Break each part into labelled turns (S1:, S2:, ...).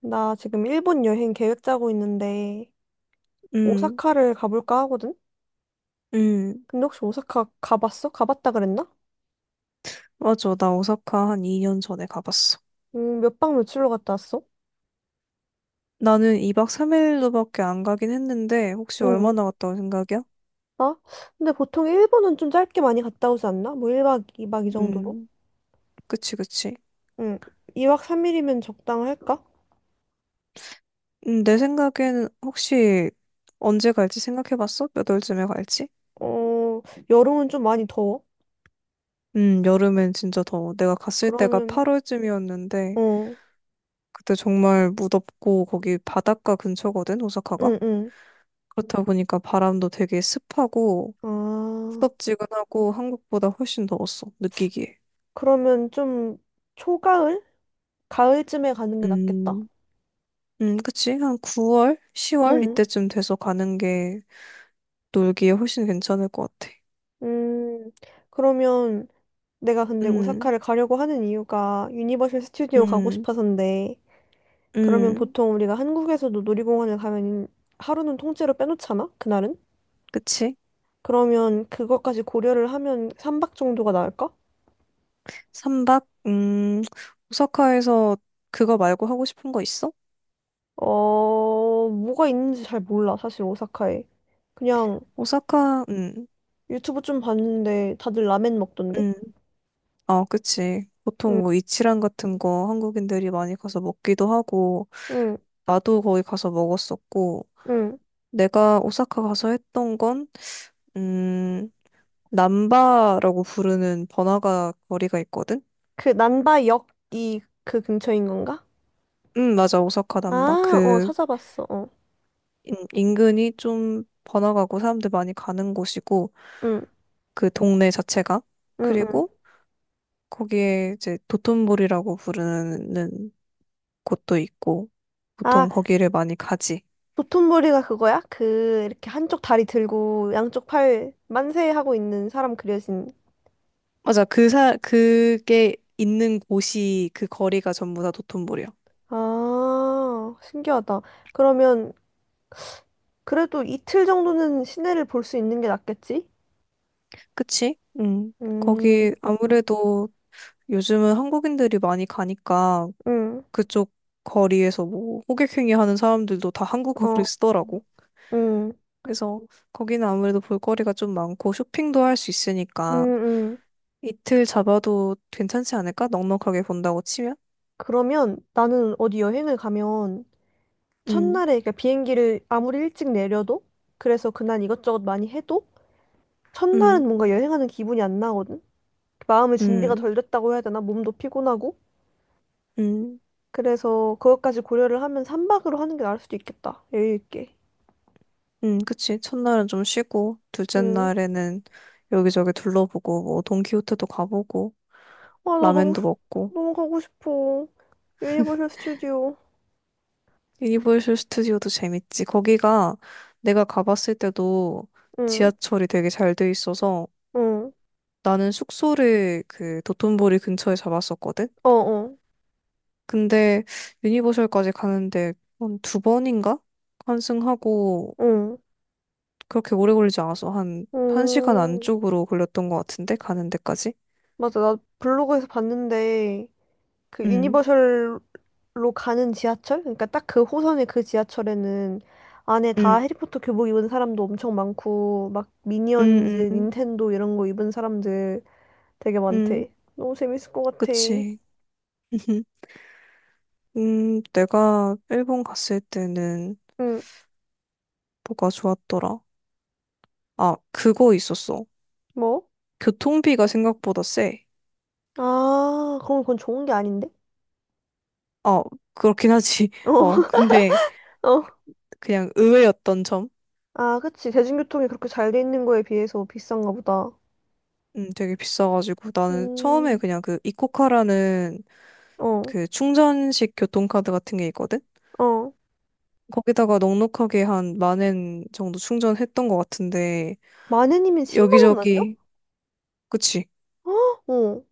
S1: 나 지금 일본 여행 계획 짜고 있는데,
S2: 음,
S1: 오사카를 가볼까 하거든?
S2: 음,
S1: 근데 혹시 오사카 가봤어? 가봤다 그랬나?
S2: 맞아. 나 오사카 한 2년 전에 가봤어.
S1: 몇 박 며칠로 갔다 왔어?
S2: 나는 2박 3일로밖에 안 가긴 했는데, 혹시
S1: 응.
S2: 얼마나 갔다 온 생각이야?
S1: 나? 근데 보통 일본은 좀 짧게 많이 갔다 오지 않나? 뭐 1박 2박 이박 이 정도로?
S2: 음, 그치, 그치.
S1: 응. 2박 3일이면 적당할까?
S2: 내 생각에는 혹시 언제 갈지 생각해봤어? 몇 월쯤에 갈지?
S1: 어, 여름은 좀 많이 더워?
S2: 여름엔 진짜 더워. 내가 갔을 때가
S1: 그러면,
S2: 8월쯤이었는데,
S1: 어,
S2: 그때 정말 무덥고, 거기 바닷가 근처거든, 오사카가?
S1: 응, 응.
S2: 그렇다 보니까 바람도 되게 습하고,
S1: 아,
S2: 후덥지근하고, 한국보다 훨씬 더웠어, 느끼기에.
S1: 그러면 좀 초가을? 가을쯤에 가는 게 낫겠다.
S2: 음. 그치? 한 9월, 10월
S1: 응.
S2: 이때쯤 돼서 가는 게 놀기에 훨씬 괜찮을 것 같아.
S1: 음, 그러면 내가 근데
S2: 음,
S1: 오사카를 가려고 하는 이유가 유니버셜 스튜디오 가고
S2: 음,
S1: 싶어서인데, 그러면
S2: 음,
S1: 보통 우리가 한국에서도 놀이공원을 가면 하루는 통째로 빼놓잖아? 그날은?
S2: 그치?
S1: 그러면 그것까지 고려를 하면 3박 정도가 나을까?
S2: 삼박 오사카에서 그거 말고 하고 싶은 거 있어?
S1: 어, 뭐가 있는지 잘 몰라, 사실 오사카에. 그냥
S2: 오사카,
S1: 유튜브 좀 봤는데 다들 라멘 먹던데?
S2: 음, 어, 그치.
S1: 응,
S2: 보통 뭐 이치란 같은 거 한국인들이 많이 가서 먹기도 하고,
S1: 응,
S2: 나도 거기 가서 먹었었고,
S1: 응.
S2: 내가 오사카 가서 했던 건, 음, 남바라고 부르는 번화가 거리가 있거든?
S1: 그 난바역이 그 근처인 건가?
S2: 맞아. 오사카 남바.
S1: 아, 어, 찾아봤어, 어.
S2: 인근이 좀 번화가고 사람들 많이 가는 곳이고,
S1: 응,
S2: 그 동네 자체가.
S1: 응, 응.
S2: 그리고 거기에 이제 도톤보리라고 부르는 곳도 있고,
S1: 아,
S2: 보통 거기를 많이 가지.
S1: 도톤보리가 그거야? 그 이렇게 한쪽 다리 들고 양쪽 팔 만세 하고 있는 사람 그려진.
S2: 맞아. 그게 있는 곳이 그 거리가 전부 다 도톤보리야.
S1: 아, 신기하다. 그러면 그래도 이틀 정도는 시내를 볼 수 있는 게 낫겠지?
S2: 그치? 음.
S1: 음,
S2: 거기 아무래도 요즘은 한국인들이 많이 가니까
S1: 음,
S2: 그쪽 거리에서 뭐 호객행위 하는 사람들도 다 한국어를
S1: 어,
S2: 쓰더라고.
S1: 음,
S2: 그래서 거기는 아무래도 볼거리가 좀 많고 쇼핑도 할 수
S1: 음,
S2: 있으니까
S1: 음.
S2: 이틀 잡아도 괜찮지 않을까? 넉넉하게 본다고 치면?
S1: 그러면 나는 어디 여행을 가면
S2: 음,
S1: 첫날에 그러니까 비행기를 아무리 일찍 내려도 그래서 그날 이것저것 많이 해도 첫날은
S2: 음,
S1: 뭔가 여행하는 기분이 안 나거든? 마음의 준비가
S2: 음,
S1: 덜 됐다고 해야 되나? 몸도 피곤하고.
S2: 음,
S1: 그래서 그것까지 고려를 하면 삼박으로 하는 게 나을 수도 있겠다. 여유 있게.
S2: 그치. 첫날은 좀 쉬고, 둘째
S1: 응.
S2: 날에는 여기저기 둘러보고, 뭐, 돈키호테도 가보고,
S1: 아, 나
S2: 라면도 먹고,
S1: 너무 가고 싶어. 유니버셜 스튜디오.
S2: 유니버셜 스튜디오도 재밌지. 거기가 내가 가봤을 때도
S1: 응.
S2: 지하철이 되게 잘 돼 있어서
S1: 응.
S2: 나는 숙소를 그 도톤보리 근처에 잡았었거든?
S1: 어, 어.
S2: 근데 유니버셜까지 가는데 한 두 번인가? 환승하고
S1: 응.
S2: 그렇게 오래 걸리지 않아서 한, 한 시간
S1: 음.
S2: 안쪽으로 걸렸던 것 같은데? 가는 데까지?
S1: 맞아. 나 블로그에서 봤는데 그
S2: 응,
S1: 유니버셜로 가는 지하철? 그러니까 딱 그 호선의 그 지하철에는 안에 다
S2: 응,
S1: 해리포터 교복 입은 사람도 엄청 많고 막 미니언즈,
S2: 응, 응,
S1: 닌텐도 이런 거 입은 사람들 되게
S2: 응.
S1: 많대. 너무 재밌을 것 같아.
S2: 그치. 내가 일본 갔을 때는
S1: 응.
S2: 뭐가 좋았더라? 아, 그거 있었어.
S1: 뭐?
S2: 교통비가 생각보다 세.
S1: 아, 그럼 그건 좋은 게 아닌데?
S2: 어, 그렇긴 하지.
S1: 어,
S2: 어, 근데
S1: 어.
S2: 그냥 의외였던 점?
S1: 아, 그치. 대중교통이 그렇게 잘 돼 있는 거에 비해서 비싼가 보다.
S2: 되게 비싸가지고 나는 처음에
S1: 음,
S2: 그냥 그 이코카라는
S1: 어,
S2: 그 충전식 교통카드 같은 게 있거든?
S1: 어.
S2: 거기다가 넉넉하게 한 1만 엔 정도 충전했던 것 같은데,
S1: 마네님은 10만 원 아니야?
S2: 여기저기, 그치?
S1: 어, 어,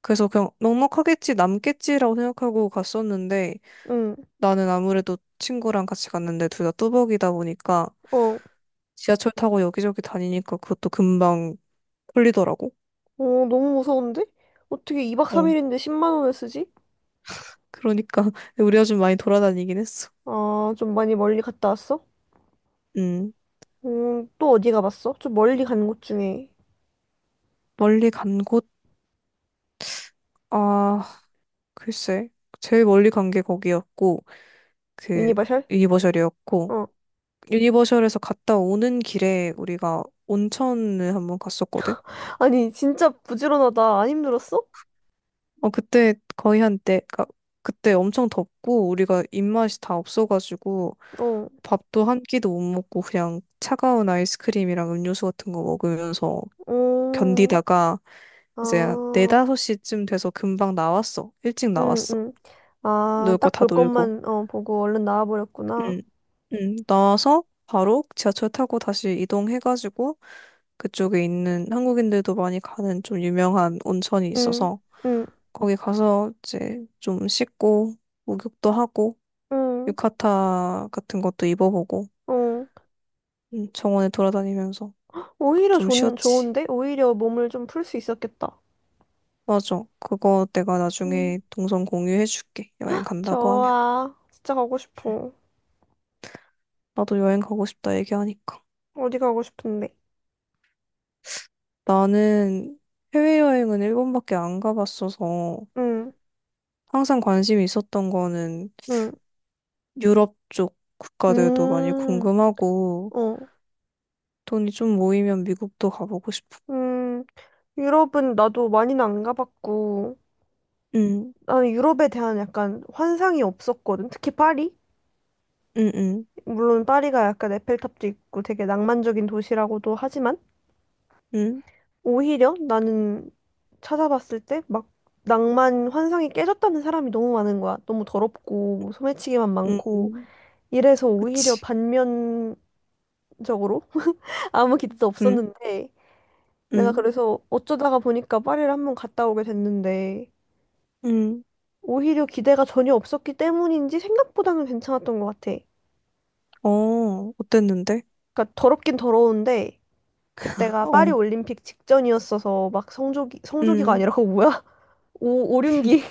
S2: 그래서 그냥 넉넉하겠지, 남겠지라고 생각하고 갔었는데,
S1: 응,
S2: 나는 아무래도 친구랑 같이 갔는데 둘 다 뚜벅이다 보니까
S1: 어.
S2: 지하철 타고 여기저기 다니니까 그것도 금방 홀리더라고.
S1: 어, 너무 무서운데? 어떻게 2박
S2: 어,
S1: 3일인데 10만 원을 쓰지?
S2: 그러니까 우리가 좀 많이 돌아다니긴 했어.
S1: 아, 좀 많이 멀리 갔다 왔어?
S2: 음,
S1: 또 어디 가봤어? 좀 멀리 간 곳 중에.
S2: 멀리 간 곳, 아, 글쎄. 제일 멀리 간 게 거기였고, 그
S1: 유니바샬?
S2: 유니버셜이었고
S1: 어.
S2: 유니버셜에서 갔다 오는 길에 우리가 온천을 한번 갔었거든.
S1: 아니, 진짜 부지런하다. 안 힘들었어?
S2: 어, 그때 거의 한때 그때 엄청 덥고 우리가 입맛이 다 없어가지고
S1: 어,
S2: 밥도 한 끼도 못 먹고 그냥 차가운 아이스크림이랑 음료수 같은 거 먹으면서
S1: 어.
S2: 견디다가 이제
S1: 아,
S2: 4~5시쯤 돼서 금방 나왔어. 일찍
S1: 응,
S2: 나왔어.
S1: 응. 아,
S2: 놀 거
S1: 딱
S2: 다
S1: 볼
S2: 놀고.
S1: 것만 어, 보고 얼른 나와버렸구나.
S2: 응, 응. 나와서 바로 지하철 타고 다시 이동해가지고 그쪽에 있는 한국인들도 많이 가는 좀 유명한 온천이
S1: 응,
S2: 있어서
S1: 응,
S2: 거기 가서 이제 좀 씻고 목욕도 하고
S1: 응,
S2: 유카타 같은 것도 입어보고
S1: 어.
S2: 정원에 돌아다니면서
S1: 오히려
S2: 좀
S1: 좋,
S2: 쉬었지.
S1: 좋은데? 오히려 몸을 좀 풀 수 있었겠다.
S2: 맞아. 그거 내가
S1: 응,
S2: 나중에 동선 공유해줄게. 여행 간다고 하면.
S1: 좋아. 진짜 가고 싶어.
S2: 나도 여행 가고 싶다 얘기하니까.
S1: 어디 가고 싶은데?
S2: 나는 해외여행은 일본밖에 안 가봤어서
S1: 응,
S2: 항상 관심이 있었던 거는
S1: 응,
S2: 유럽 쪽 국가들도 많이
S1: 음,
S2: 궁금하고
S1: 어,
S2: 돈이 좀 모이면 미국도 가보고 싶어.
S1: 음. 유럽은 나도 많이는 안 가봤고,
S2: 응,
S1: 나는 유럽에 대한 약간 환상이 없었거든. 특히 파리?
S2: 응, 응,
S1: 물론 파리가 약간 에펠탑도 있고 되게 낭만적인 도시라고도 하지만,
S2: 응,
S1: 오히려 나는 찾아봤을 때 막 낭만 환상이 깨졌다는 사람이 너무 많은 거야. 너무 더럽고 소매치기만
S2: 응,
S1: 많고
S2: 응.
S1: 이래서 오히려
S2: 그치.
S1: 반면적으로 아무 기대도
S2: 응,
S1: 없었는데 내가
S2: 응,
S1: 그래서 어쩌다가 보니까 파리를 한번 갔다 오게 됐는데
S2: 응.
S1: 오히려 기대가 전혀 없었기 때문인지 생각보다는 괜찮았던 것 같아.
S2: 어, 어땠는데?
S1: 그러니까 더럽긴 더러운데 그때가 파리
S2: 어,
S1: 올림픽 직전이었어서 막 성조기 성조기가
S2: 응,
S1: 아니라 그거 뭐야? 오 오륜기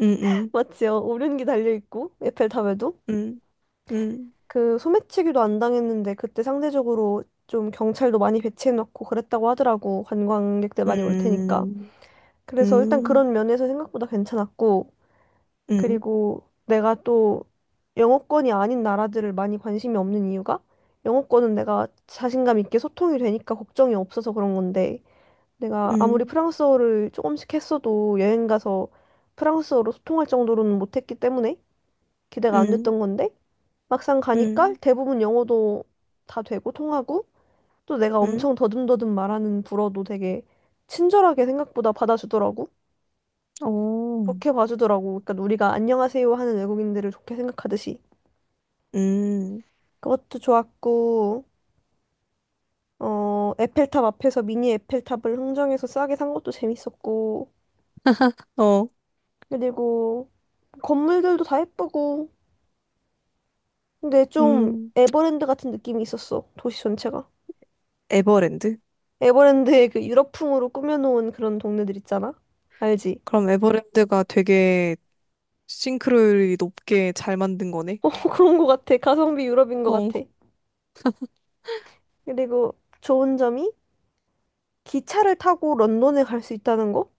S2: 응, 응,
S1: 맞지요? 오륜기 달려있고, 에펠탑에도.
S2: 응, 응,
S1: 그 소매치기도 안 당했는데, 그때 상대적으로 좀 경찰도 많이 배치해놓고 그랬다고 하더라고. 관광객들
S2: 응,
S1: 많이 올 테니까.
S2: 응,
S1: 그래서 일단
S2: 응,
S1: 그런 면에서 생각보다 괜찮았고, 그리고 내가 또 영어권이 아닌 나라들을 많이 관심이 없는 이유가, 영어권은 내가 자신감 있게 소통이 되니까 걱정이 없어서 그런 건데, 내가 아무리
S2: 응,
S1: 프랑스어를 조금씩 했어도 여행 가서 프랑스어로 소통할 정도로는 못했기 때문에 기대가 안
S2: 응,
S1: 됐던 건데, 막상 가니까
S2: 응,
S1: 대부분 영어도 다 되고 통하고 또 내가
S2: 응,
S1: 엄청 더듬더듬 말하는 불어도 되게 친절하게 생각보다 받아주더라고.
S2: 어,
S1: 좋게 봐주더라고. 그러니까 우리가 안녕하세요 하는 외국인들을 좋게 생각하듯이
S2: 응,
S1: 그것도 좋았고 어 에펠탑 앞에서 미니 에펠탑을 흥정해서 싸게 산 것도 재밌었고
S2: 어,
S1: 그리고 건물들도 다 예쁘고 근데 좀
S2: 음,
S1: 에버랜드 같은 느낌이 있었어. 도시 전체가.
S2: 에버랜드?
S1: 에버랜드의 그 유럽풍으로 꾸며놓은 그런 동네들 있잖아. 알지?
S2: 그럼 에버랜드가 되게 싱크로율이 높게 잘 만든 거네.
S1: 그런 것 같아. 가성비 유럽인 것
S2: 어,
S1: 같아. 그리고 좋은 점이 기차를 타고 런던에 갈 수 있다는 거?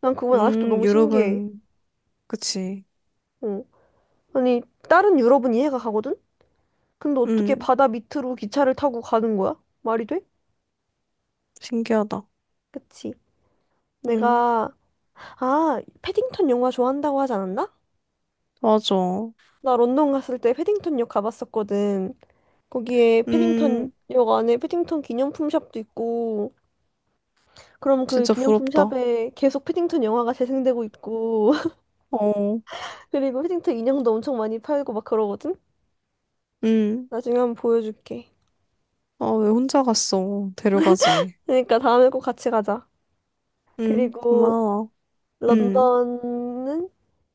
S1: 난 그건 아직도 너무 신기해.
S2: 유럽은, 그치.
S1: 어. 아니, 다른 유럽은 이해가 가거든? 근데 어떻게
S2: 음,
S1: 바다 밑으로 기차를 타고 가는 거야? 말이 돼?
S2: 신기하다.
S1: 그치.
S2: 음,
S1: 내가, 아, 패딩턴 영화 좋아한다고 하지 않았나?
S2: 맞아.
S1: 나 런던 갔을 때 패딩턴 역 가봤었거든. 거기에 패딩턴
S2: 음,
S1: 역 안에 패딩턴 기념품 샵도 있고, 그럼 그
S2: 진짜
S1: 기념품
S2: 부럽다.
S1: 샵에 계속 패딩턴 영화가 재생되고 있고,
S2: 어,
S1: 그리고 힐링턴 인형도 엄청 많이 팔고 막 그러거든?
S2: 음,
S1: 나중에 한번 보여줄게.
S2: 아, 왜 혼자 갔어? 데려가지.
S1: 그러니까 다음에 꼭 같이 가자. 그리고
S2: 고마워. 음,
S1: 런던은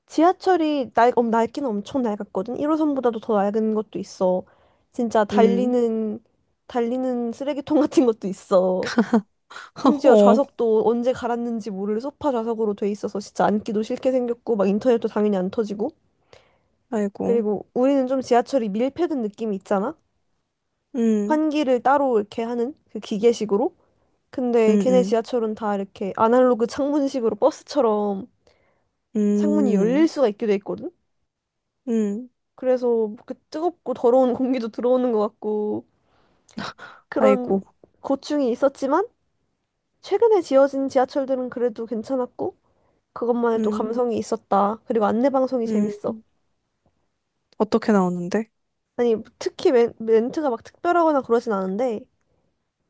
S1: 지하철이 낡기는 엄청 낡았거든? 1호선보다도 더 낡은 것도 있어. 진짜
S2: 음,
S1: 달리는, 달리는 쓰레기통 같은 것도 있어. 심지어
S2: 어,
S1: 좌석도 언제 갈았는지 모를 소파 좌석으로 돼 있어서 진짜 앉기도 싫게 생겼고, 막 인터넷도 당연히 안 터지고.
S2: 아이고.
S1: 그리고 우리는 좀 지하철이 밀폐된 느낌이 있잖아?
S2: 음,
S1: 환기를 따로 이렇게 하는 그 기계식으로?
S2: 음,
S1: 근데 걔네
S2: 음,
S1: 지하철은 다 이렇게 아날로그 창문식으로 버스처럼 창문이 열릴
S2: 음,
S1: 수가 있게 돼 있거든?
S2: 음,
S1: 그래서 뭐 그 뜨겁고 더러운 공기도 들어오는 것 같고 그런
S2: 아이고.
S1: 고충이 있었지만 최근에 지어진 지하철들은 그래도 괜찮았고 그것만의 또
S2: 음,
S1: 감성이 있었다. 그리고 안내 방송이
S2: 음,
S1: 재밌어.
S2: 어떻게 나오는데?
S1: 아니 특히 멘트가 막 특별하거나 그러진 않은데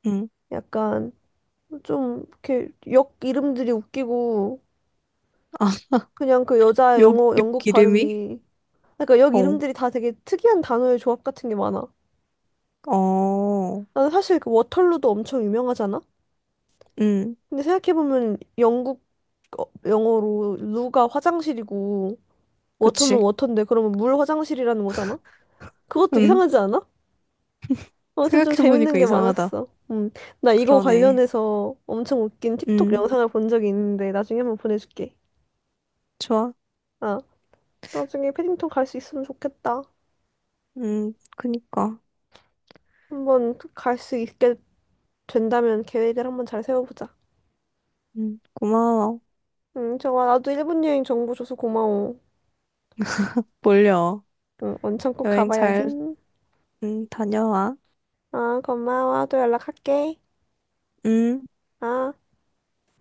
S2: 음,
S1: 약간 좀 이렇게 역 이름들이 웃기고
S2: 아,
S1: 그냥 그 여자
S2: 욕,
S1: 영어
S2: 욕
S1: 영국
S2: 이름이?
S1: 발음이 그러니까 역
S2: 어,
S1: 이름들이 다 되게 특이한 단어의 조합 같은 게 많아.
S2: 어.
S1: 나는 사실 그 워털루도 엄청 유명하잖아?
S2: 응,
S1: 근데 생각해보면 영국 어, 영어로 루가 화장실이고 워터는
S2: 그치.
S1: 워터인데 그러면 물 화장실이라는 거잖아? 그것도
S2: 응,
S1: 이상하지 않아? 아무튼 좀 재밌는
S2: 생각해보니까
S1: 게
S2: 이상하다.
S1: 많았어. 나 이거
S2: 그러네.
S1: 관련해서 엄청 웃긴 틱톡
S2: 응,
S1: 영상을 본 적이 있는데 나중에 한번 보내줄게.
S2: 좋아.
S1: 아, 나중에 패딩턴 갈 수 있으면 좋겠다.
S2: 응, 그니까.
S1: 한번 갈 수 있게 된다면 계획을 한번 잘 세워보자.
S2: 응, 고마워.
S1: 응, 좋아. 나도 일본 여행 정보 줘서 고마워.
S2: 몰려.
S1: 응, 원천 꼭
S2: 여행
S1: 가봐야지.
S2: 잘,
S1: 응.
S2: 응, 다녀와.
S1: 아, 고마워. 또 연락할게.
S2: 응.
S1: 아.